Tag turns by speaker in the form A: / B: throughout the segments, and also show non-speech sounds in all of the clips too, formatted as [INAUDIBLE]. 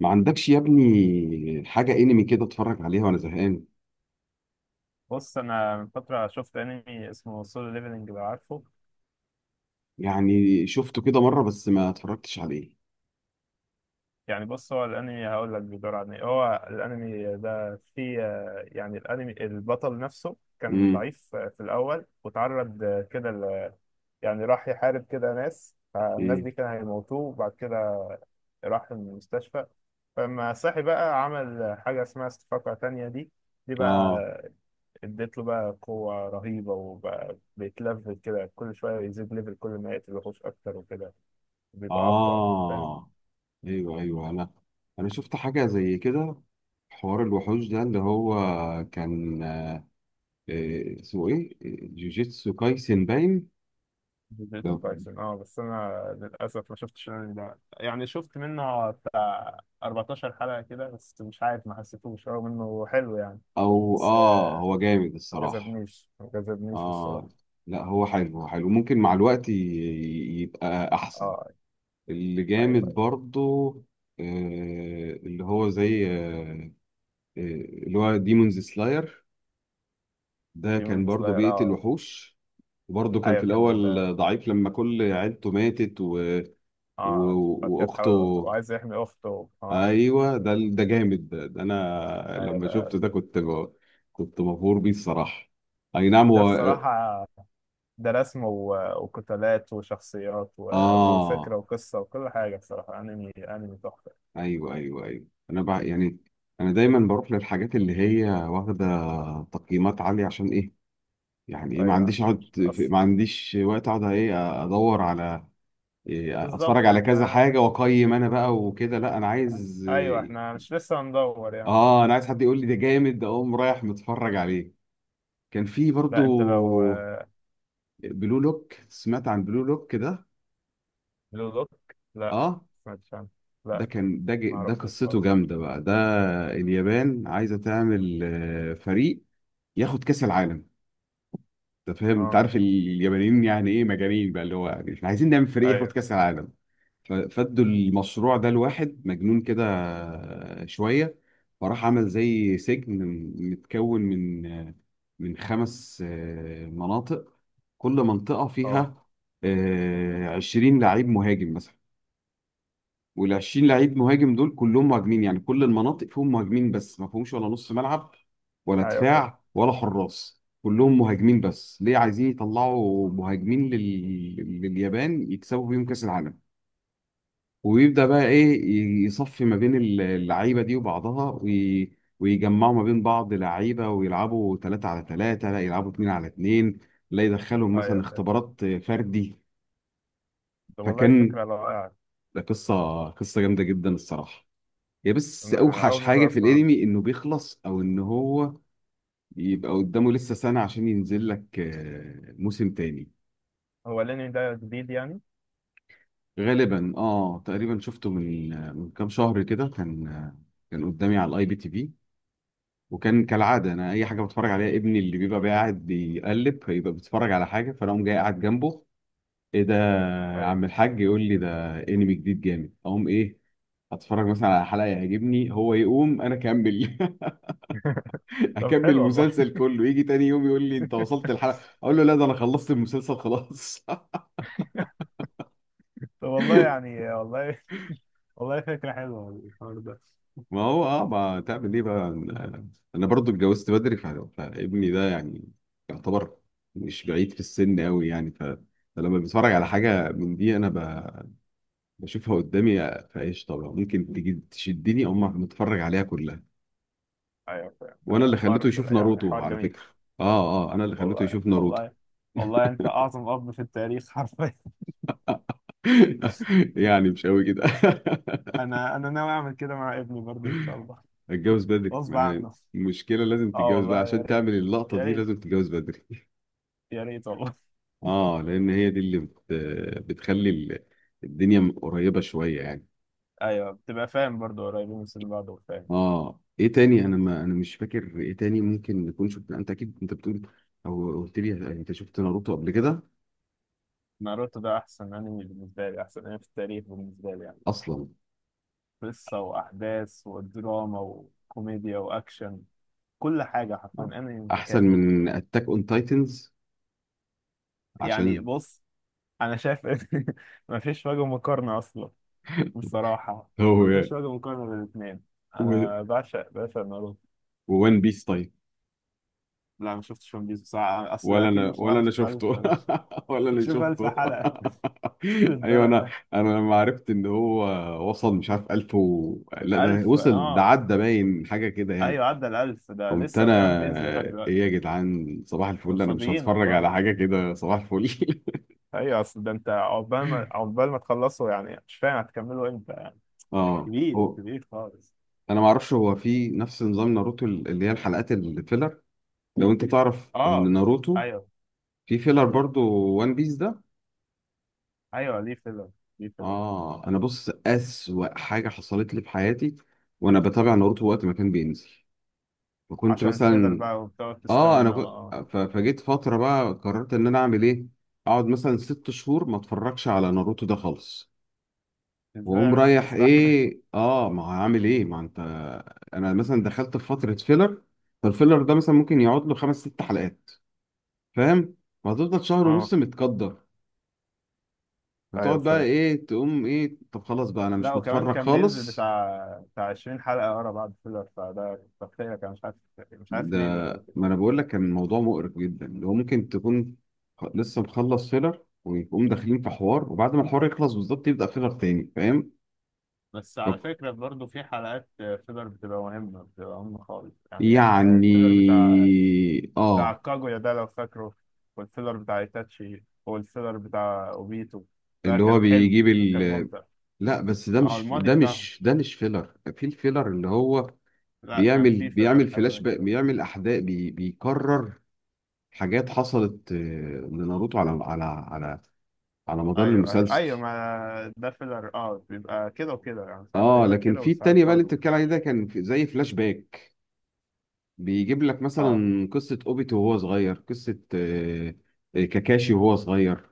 A: ما عندكش يا ابني حاجة انمي كده اتفرج عليها وانا زهقان؟
B: بص، انا من فتره شفت انمي اسمه سولو ليفلنج، لو عارفه.
A: يعني شفته كده مرة بس ما اتفرجتش عليه.
B: يعني بص، هو الانمي هقول لك بيدور عن ايه. هو الانمي ده فيه يعني الانمي البطل نفسه كان
A: امم.
B: ضعيف في الاول، وتعرض كده يعني راح يحارب كده ناس، فالناس دي
A: امم.
B: كانوا هيموتوه، وبعد كده راح المستشفى. فلما صحي بقى عمل حاجه اسمها استفاقه تانية دي. دي بقى
A: اه.
B: اديت له بقى قوه رهيبه، وبقى بيتلفل كده. كل شويه يزيد ليفل، كل ما يقتل وحوش اكتر وكده بيبقى اقوى، فاهم؟
A: اه. ايوه، ايوه، انا شفت حاجة زي كده. حوار الوحوش ده اللي هو كان اسمه ايه؟ جوجيتسو كايسن باين.
B: جوجيتسو
A: ده-
B: تايسون، اه، بس انا للاسف ما شفتش الانمي ده. يعني شفت منه بتاع 14 حلقه كده بس، مش عارف، ما حسيتوش رغم انه حلو يعني.
A: او
B: بس
A: اه، هو جامد
B: ما
A: الصراحة.
B: جذبنيش ما جذبنيش بالصراحه.
A: اه، لا هو حلو، هو حلو، ممكن مع الوقت يبقى احسن.
B: اه،
A: اللي
B: ايوه
A: جامد
B: ايوه.
A: برضو اللي هو زي اللي هو ديمونز سلاير. ده كان
B: ديمون
A: برضو
B: سلاير،
A: بيقتل
B: اه.
A: وحوش، وبرضه كان
B: ايوه
A: في
B: كان
A: الأول
B: ده.
A: ضعيف لما كل عيلته ماتت و...
B: اه، بعد كده تحاول
A: وأخته.
B: وعايز يحمي اخته، اه.
A: أيوه، ده جامد، ده أنا
B: ايوه
A: لما
B: ده.
A: شفته ده كنت مبهور بيه الصراحة. أي نعم،
B: ده
A: هو
B: بصراحه، ده رسم وقتالات وشخصيات
A: آه.
B: وفكره وقصه وكل حاجه، بصراحه انمي، انمي تحفه.
A: أيوه، أيوه، أيوه، أنا بقى يعني أنا دايما بروح للحاجات اللي هي واخدة تقييمات عالية، عشان إيه؟ يعني إيه،
B: ايوه، مش أص...
A: ما عنديش وقت اقعد ايه، ادور على إيه، اتفرج
B: بالظبط،
A: على كذا
B: احنا
A: حاجه واقيم انا بقى وكده. لا انا عايز
B: ايوه
A: إيه،
B: احنا مش لسه هندور يعني.
A: اه انا عايز حد يقول لي ده جامد اقوم رايح متفرج عليه. كان في
B: لا انت لو
A: برضو بلو لوك، سمعت عن بلو لوك ده؟
B: بلو لوك. لا،
A: اه،
B: سمعتش عنه.
A: ده
B: لا،
A: كان
B: ما
A: ده
B: اعرفوش
A: قصته
B: خالص.
A: جامده بقى ده. اليابان عايزه تعمل فريق ياخد كاس العالم، انت فاهم؟ انت
B: اه،
A: عارف اليابانيين يعني ايه، مجانين بقى، اللي هو يعني احنا عايزين نعمل فريق ياخد
B: ايوه.
A: كاس العالم. فادوا المشروع ده لواحد مجنون كده شوية، فراح عمل زي سجن متكون من خمس مناطق، كل منطقة
B: اه،
A: فيها عشرين لعيب مهاجم مثلا. والعشرين لعيب مهاجم دول كلهم مهاجمين، يعني كل المناطق فيهم مهاجمين، بس ما فيهمش ولا نص ملعب ولا
B: ايوه فاهم.
A: دفاع ولا حراس، كلهم مهاجمين بس، ليه؟ عايزين يطلعوا مهاجمين لليابان يكسبوا بيهم كأس العالم. وبيبدأ بقى إيه يصفي ما بين اللعيبة دي وبعضها ويجمعوا ما بين بعض لعيبة ويلعبوا ثلاثة على ثلاثة، لا يلعبوا اتنين على اتنين، لا يدخلهم مثلا
B: ايوه فاهم.
A: اختبارات فردي.
B: طب والله
A: فكان
B: فكره رائعه.
A: ده قصة جامدة جدا الصراحة. هي بس
B: انا
A: أوحش
B: اول
A: حاجة
B: مره
A: في
B: اسمع عنه.
A: الأنمي إنه بيخلص، أو إن هو يبقى قدامه لسه سنة عشان ينزل لك موسم تاني.
B: هو ليني ده جديد يعني؟
A: غالبا اه، تقريبا شفته من كام شهر كده. كان كان قدامي على الاي بي تي في، وكان كالعاده انا اي حاجه بتفرج عليها ابني اللي بيبقى قاعد بيقلب، فيبقى بيتفرج على حاجه، فانا اقوم جاي قاعد جنبه. ايه ده؟ يا
B: ايوه.
A: عم الحاج يقول لي ده انمي جديد جامد، اقوم ايه، اتفرج مثلا على حلقه يعجبني، هو يقوم انا اكمل.
B: [LAUGHS]
A: [LAUGHS]
B: طب
A: اكمل
B: حلو والله.
A: المسلسل كله. يجي تاني يوم يقول لي انت وصلت الحلقه، اقول له لا ده انا خلصت المسلسل خلاص.
B: طب والله يعني، والله، والله فكره حلوه الحوار ده.
A: ما هو اه، ما تعمل ايه بقى، انا أنا برضو اتجوزت بدري، فابني ده يعني يعتبر مش بعيد في السن قوي يعني، فلما بتفرج على حاجه من دي انا بشوفها قدامي، فايش طبعا ممكن تيجي تشدني او ما نتفرج عليها كلها.
B: ايوه فاهم.
A: وانا اللي خليته
B: حوار
A: يشوف
B: يعني،
A: ناروتو
B: حوار
A: على
B: جميل.
A: فكره. اه اه، انا اللي
B: طب
A: خليته
B: والله،
A: يشوف ناروتو.
B: والله، والله انت اعظم اب في التاريخ حرفيا.
A: [LAUGHS] يعني مش قوي كده.
B: انا، انا ناوي اعمل كده مع ابني برضه ان شاء الله.
A: [LAUGHS] اتجوز بدري،
B: غصب
A: ما هي
B: عنه.
A: المشكله لازم
B: اه
A: تتجوز بقى
B: والله يا
A: عشان
B: ريت،
A: تعمل اللقطه
B: يا
A: دي،
B: ريت،
A: لازم تتجوز بدري.
B: يا ريت والله.
A: اه، لان هي دي بتخلي الدنيا قريبه شويه يعني.
B: [LAUGHS] ايوه، بتبقى فاهم برضه، قريبين من سن بعض وفاهم.
A: اه ايه تاني، انا ما انا مش فاكر ايه تاني، ممكن نكون شفنا، انت اكيد انت بتقول، او قلت لي يعني، انت شفت ناروتو قبل كده
B: ناروتو ده احسن انمي بالنسبه لي، احسن انمي في التاريخ بالنسبه لي يعني.
A: اصلا؟
B: قصه واحداث ودراما وكوميديا واكشن، كل حاجه حرفيا
A: آه.
B: انمي
A: احسن
B: متكامل.
A: من اتاك اون تايتنز
B: يعني
A: عشان
B: بص، انا شايف [LAUGHS] إن مفيش وجه مقارنه اصلا بصراحه.
A: [LAUGHS] هو
B: مفيش وجه مقارنه بين الاثنين.
A: و...
B: انا بعشق، بعشق ناروتو.
A: وون بيس طيب؟
B: لا، ما شفتش ون بيس بصراحة. أصل
A: ولا
B: أكيد
A: انا،
B: مش هروح
A: ولا انا
B: أشوف ألف
A: شفته.
B: بلاش.
A: [LAUGHS] ولا انا
B: تشوف ألف
A: شفته.
B: حلقة،
A: [LAUGHS]
B: [LAUGHS] مش
A: ايوه انا،
B: للدرجة.
A: انا لما عرفت ان هو وصل مش عارف 1000 لا ده
B: ألف،
A: وصل ده،
B: آه،
A: عدى باين حاجه كده يعني.
B: أيوة، عدى الألف ده
A: قمت
B: لسه،
A: انا
B: وكمان بينزل لحد
A: ايه،
B: دلوقتي.
A: يا جدعان صباح
B: دول
A: الفل، انا مش
B: فاضيين
A: هتفرج على
B: والله.
A: حاجه كده صباح الفل.
B: أيوة، أصل ده، أنت عقبال ما تخلصوا يعني، مش فاهم هتكملوا إمتى يعني.
A: [LAUGHS] اه
B: كبير،
A: هو
B: كبير خالص.
A: انا ما اعرفش هو في نفس نظام ناروتو اللي هي الحلقات الفيلر، لو انت [LAUGHS] تعرف ان
B: آه،
A: ناروتو
B: أيوة.
A: في فيلر برضو. وان بيس ده
B: أيوة، ليه فيلر؟ ليه فيلر؟
A: اه، انا بص اسوأ حاجه حصلت لي في حياتي وانا بتابع ناروتو وقت ما كان بينزل، فكنت
B: عشان الفيلر
A: مثلا
B: بقى، وبتقعد
A: اه انا
B: تستنى،
A: كنت
B: آه.
A: فجيت فتره بقى قررت ان انا اعمل ايه، اقعد مثلا ست شهور ما اتفرجش على ناروتو ده خالص،
B: إزاي
A: واقوم
B: عرفت
A: رايح
B: تستحمل؟
A: ايه اه، ما عامل ايه ما انت، انا مثلا دخلت في فتره فيلر، فالفيلر ده مثلا ممكن يقعد له خمس ست حلقات فاهم، وهتفضل
B: [LAUGHS]
A: شهر
B: آه،
A: ونص متقدر،
B: ايوه
A: فتقعد بقى
B: فاهم.
A: ايه تقوم ايه، طب خلاص بقى انا
B: لا
A: مش
B: وكمان
A: متفرج
B: كان بينزل
A: خالص.
B: بتاع 20 حلقة ورا بعض فيلر، فده تقطيع كان مش عارف، مش عارف
A: ده
B: ليه بيعملوا كده.
A: ما انا بقول لك كان الموضوع مقرف جدا، اللي هو ممكن تكون لسه مخلص فيلر ويقوم داخلين في حوار وبعد ما الحوار يخلص بالظبط يبدأ فيلر تاني، فاهم
B: بس على فكرة برضه في حلقات فيلر بتبقى مهمة، بتبقى مهمة خالص يعني. الفيلر
A: يعني؟
B: بتاع، بتاع
A: اه.
B: كاجويا ده لو فاكره، والفيلر بتاع ايتاتشي، والفيلر بتاع اوبيتو، ده
A: اللي هو
B: كان حلو، كان ممتع.
A: لا بس ده
B: اه
A: مش،
B: الماضي
A: ده
B: بتاعهم.
A: مش، ده مش فيلر، في الفيلر اللي هو
B: لا، كان في فيلر
A: بيعمل
B: حاجة
A: فلاش
B: زي
A: باك،
B: كده.
A: بيعمل احداث بي بيكرر حاجات حصلت لناروتو على على مدار
B: ايوه ايوه ايوه،
A: المسلسل.
B: ما ده فيلر، اه، بيبقى كده وكده يعني، ساعات
A: اه
B: بيبقى
A: لكن
B: كده،
A: في
B: وساعات
A: التانية بقى اللي
B: برضه
A: انت
B: بيبقى
A: بتتكلم عليه
B: كده.
A: ده كان زي فلاش باك، بيجيب لك
B: اه،
A: مثلا قصة اوبيتو وهو صغير، قصة كاكاشي وهو صغير.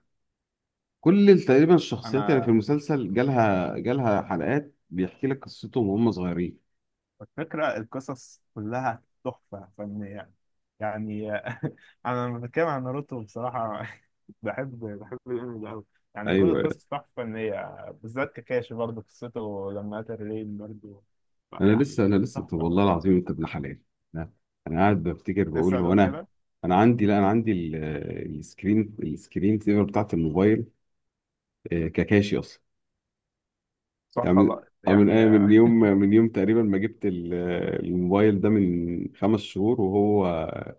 A: كل تقريبا الشخصيات اللي في
B: انا
A: المسلسل جالها حلقات بيحكي لك قصتهم وهم صغيرين.
B: الفكرة القصص كلها تحفة فنية يعني. [LAUGHS] أنا لما بتكلم عن ناروتو بصراحة، [LAUGHS] بحب، بحب الأنمي ده أوي يعني. كل
A: ايوه
B: القصص تحفة فنية، بالذات كاكاشي برضه، قصته لما قتل رين برضه،
A: انا
B: يعني
A: لسه، انا لسه، طب
B: تحفة.
A: والله العظيم انت ابن حلال. انا أنا قاعد بفتكر بقول
B: لسه
A: هو
B: هتقول
A: انا،
B: كده؟
A: انا عندي، لا انا عندي السكرين، السكرين سيفر بتاعت الموبايل ككاشي اصلا، يعني
B: صح
A: من
B: والله يعني.
A: من
B: [LAUGHS]
A: يوم، من يوم تقريبا ما جبت الموبايل ده من خمس شهور، وهو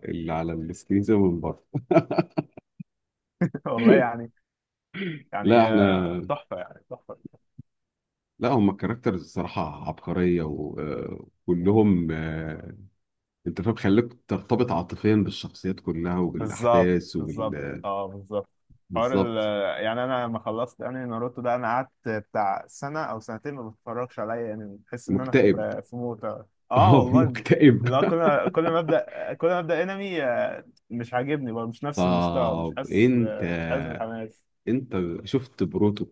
A: اللي على السكرين سيفر من بره.
B: والله يعني،
A: [LAUGHS]
B: يعني
A: لا احنا،
B: تحفة، يعني تحفة.
A: لا هم الكاركترز الصراحه عبقريه وكلهم، انت فاهم، خليك ترتبط عاطفيا بالشخصيات كلها
B: بالظبط،
A: وبالاحداث
B: بالظبط،
A: وبال
B: اه بالظبط. حوار ال،
A: بالظبط.
B: يعني انا لما خلصت يعني ناروتو ده، انا قعدت بتاع سنه او سنتين ما بتفرجش عليا يعني، بحس ان انا
A: مكتئب.
B: في، في موت.
A: [LAUGHS]
B: اه
A: اه
B: والله.
A: مكتئب.
B: لا، كل ما ابدا، كل ما ابدا انمي مش عاجبني برضه، مش نفس المستوى، مش
A: طب
B: حاسس،
A: انت،
B: مش حاسس بالحماس.
A: انت شفت بروتو؟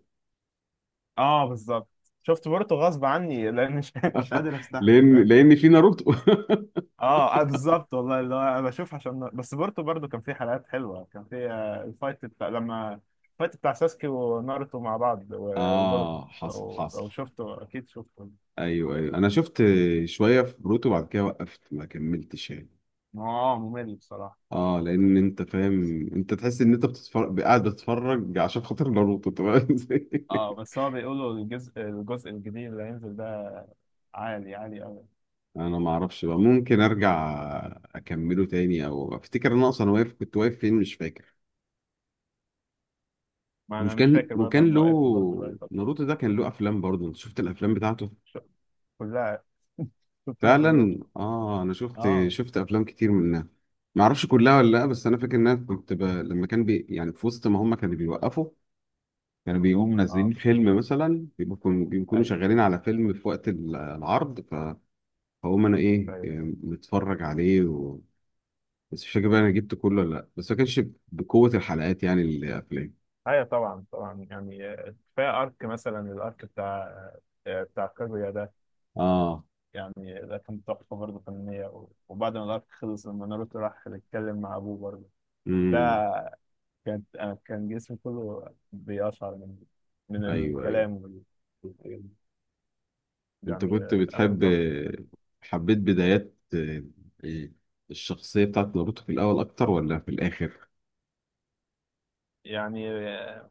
B: اه بالظبط. شفت بورتو غصب عني، لان مش، [LAUGHS] مش قادر استحمل.
A: لان لان في ناروتو [LAUGHS]
B: اه، آه بالظبط والله، اللي هو انا بشوف عشان بس بورتو برضو كان في حلقات حلوه، كان في الفايت بتاع لما، الفايت بتاع ساسكي وناروتو مع بعض وبورتو.
A: اه حصل
B: لو،
A: حصل.
B: لو شفته، اكيد شفته.
A: ايوه ايوه انا شفت شويه في بروتو، بعد كده وقفت ما كملتش يعني.
B: ما هو اه، ممل بصراحه.
A: اه لان انت فاهم انت تحس ان انت بتتفرج قاعد بتتفرج عشان خاطر ناروتو، تمام.
B: اه،
A: [LAUGHS]
B: بس هو بيقولوا الجزء، الجزء الجديد اللي هينزل ده عالي، عالي قوي.
A: انا ما اعرفش بقى، ممكن ارجع اكمله تاني او افتكر ان انا اصلا واقف، كنت واقف فين مش فاكر.
B: ما انا
A: مش
B: مش
A: كان
B: فاكر برضه، انا
A: وكان له،
B: موقفه برضه بقالي فتره.
A: ناروتو ده كان له افلام برضه، انت شفت الافلام بتاعته؟
B: ش-، كلها، شفتهم كلهم.
A: فعلا اه، انا شفت
B: اه،
A: شفت افلام كتير منها. ما اعرفش كلها ولا لا، بس انا فاكر ان انا لما كان يعني في وسط ما هم كانوا بيوقفوا، كانوا بيقوموا
B: اه
A: منزلين
B: كنت
A: فيلم
B: بشوف.
A: مثلا، بيكونوا بيكونوا
B: ايوه
A: شغالين على فيلم في وقت العرض فهم انا ايه
B: ايوه
A: متفرج عليه بس مش فاكر بقى انا جبت كله ولا لا، بس ما كانش بقوة الحلقات يعني الافلام.
B: ايوه، طبعا طبعا يعني. كفايه ارك مثلا، الارك بتاع، بتاع كاguيا ده
A: اه.
B: يعني، ده كان تحفه برضه فنيه، وبعد ما الارك خلص، لما ناروتو راح يتكلم مع ابوه برضه، ده،
A: امم.
B: كانت، أنا كان جسمي كله بيقشعر من، من
A: ايوه ايوه،
B: الكلام وال... وال-
A: انت
B: يعني،
A: كنت
B: انا
A: بتحب،
B: متوقع
A: حبيت بدايات الشخصية بتاعت ناروتو في الأول أكتر ولا في الآخر؟
B: يعني.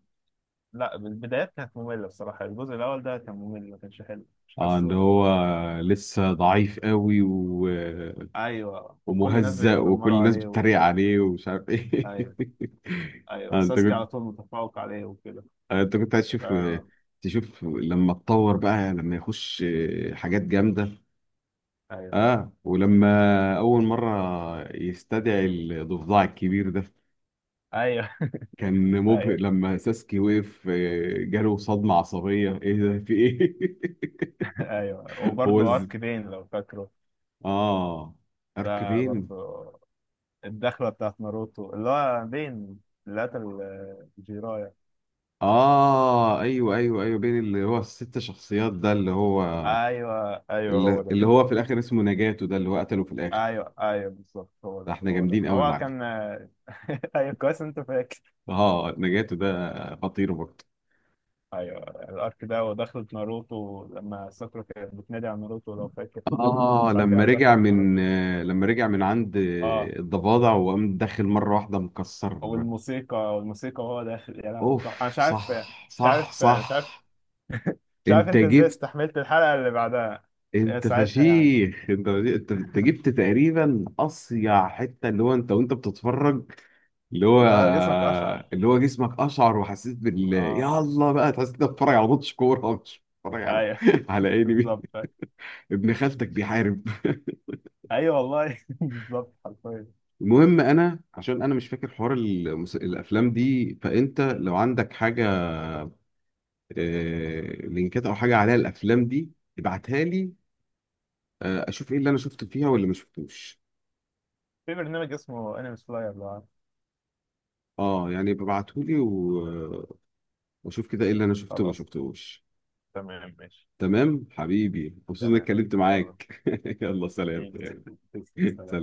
B: لا، البدايات كانت ممله بصراحه، الجزء الاول ده كان ممل، ما كانش حلو، مش
A: اه ان
B: حاسه.
A: هو لسه ضعيف قوي
B: ايوه، وكل الناس
A: ومهزأ وكل
B: بيتنمروا
A: الناس
B: عليه، و...
A: بتتريق عليه ومش عارف ايه.
B: ايوه،
A: [LAUGHS]
B: ايوه،
A: آه انت
B: ساسكي
A: كنت
B: على طول متفوق عليه وكده.
A: آه انت كنت عايز
B: ف،
A: تشوف، تشوف لما اتطور بقى، لما يخش حاجات جامدة.
B: ايوه،
A: اه، ولما أول مرة يستدعي الضفدع الكبير ده،
B: ايوه. [LAUGHS]
A: كان مبهر
B: ايوه،
A: لما ساسكي وقف جاله صدمة عصبية، ايه ده في ايه.
B: ايوه،
A: [LAUGHS] هو
B: وبرضه
A: از
B: ارك بين لو فاكره.
A: اه، ارك
B: ده برضه
A: بين.
B: الدخله بتاعت ناروتو، اللي هو بين اللي قتل جيرايا.
A: اه ايوه ايوه ايوه، بين اللي هو الست شخصيات ده، اللي هو،
B: ايوه ايوه، هو ده.
A: اللي هو في الاخر اسمه نجاتو ده اللي هو قتله في الاخر.
B: ايوه ايوه بالظبط، هو
A: ده
B: ده،
A: احنا
B: هو ده،
A: جامدين قوي يا
B: هو
A: معلم.
B: كان [LAUGHS] ايوه كويس انت فاكر.
A: اه نجاتو ده خطير برضه.
B: ايوه، الارك ده، ودخلت ناروتو لما ساكورا كانت بتنادي على ناروتو لو فاكر،
A: اه [LAUGHS]
B: بعد
A: لما
B: كده
A: رجع
B: دخلت ناروتو،
A: من لما رجع من عند
B: اه،
A: الضفادع وقام داخل مرة واحدة مكسر.
B: والموسيقى، والموسيقى وهو داخل، يا لهوي. طب انا
A: اوف
B: مش عارف،
A: صح
B: مش
A: صح
B: عارف، مش
A: صح.
B: عارف، مش عارف
A: انت
B: انت ازاي
A: جبت،
B: استحملت الحلقة اللي بعدها.
A: انت
B: ساعتها يعني،
A: فشيخ، انت انت انت جبت تقريبا اصيع حته، اللي هو انت وانت بتتفرج، اللي هو
B: اللي هو جسمك اشعر.
A: اللي هو جسمك اشعر، وحسيت بال
B: اه،
A: يلا بقى، تحس انت بتتفرج على ماتش كوره، مش بتتفرج على
B: ايوه
A: [LAUGHS] على
B: [LAUGHS]
A: انمي.
B: بالظبط.
A: ابن خالتك بيحارب. [LAUGHS]
B: ايوه والله، [LAUGHS] بالظبط حرفيا.
A: المهم انا عشان انا مش فاكر حوار الافلام دي، فانت لو عندك حاجه آه... لينكات او حاجه عليها الافلام دي، ابعتها لي اشوف ايه اللي انا شفته فيها واللي ما شفتوش.
B: في برنامج اسمه انمي سلاير، لو عارف.
A: اه يعني ببعتهولي واشوف كده ايه اللي انا شفته وما
B: خلاص،
A: شفتهوش.
B: تمام ماشي.
A: تمام حبيبي، مبسوط اني
B: تمام،
A: اتكلمت
B: يلا
A: معاك. [LAUGHS] يلا سلام
B: حبيبي، [LAUGHS]
A: يعني. [LAUGHS]
B: تسلم،
A: سلام.
B: سلام.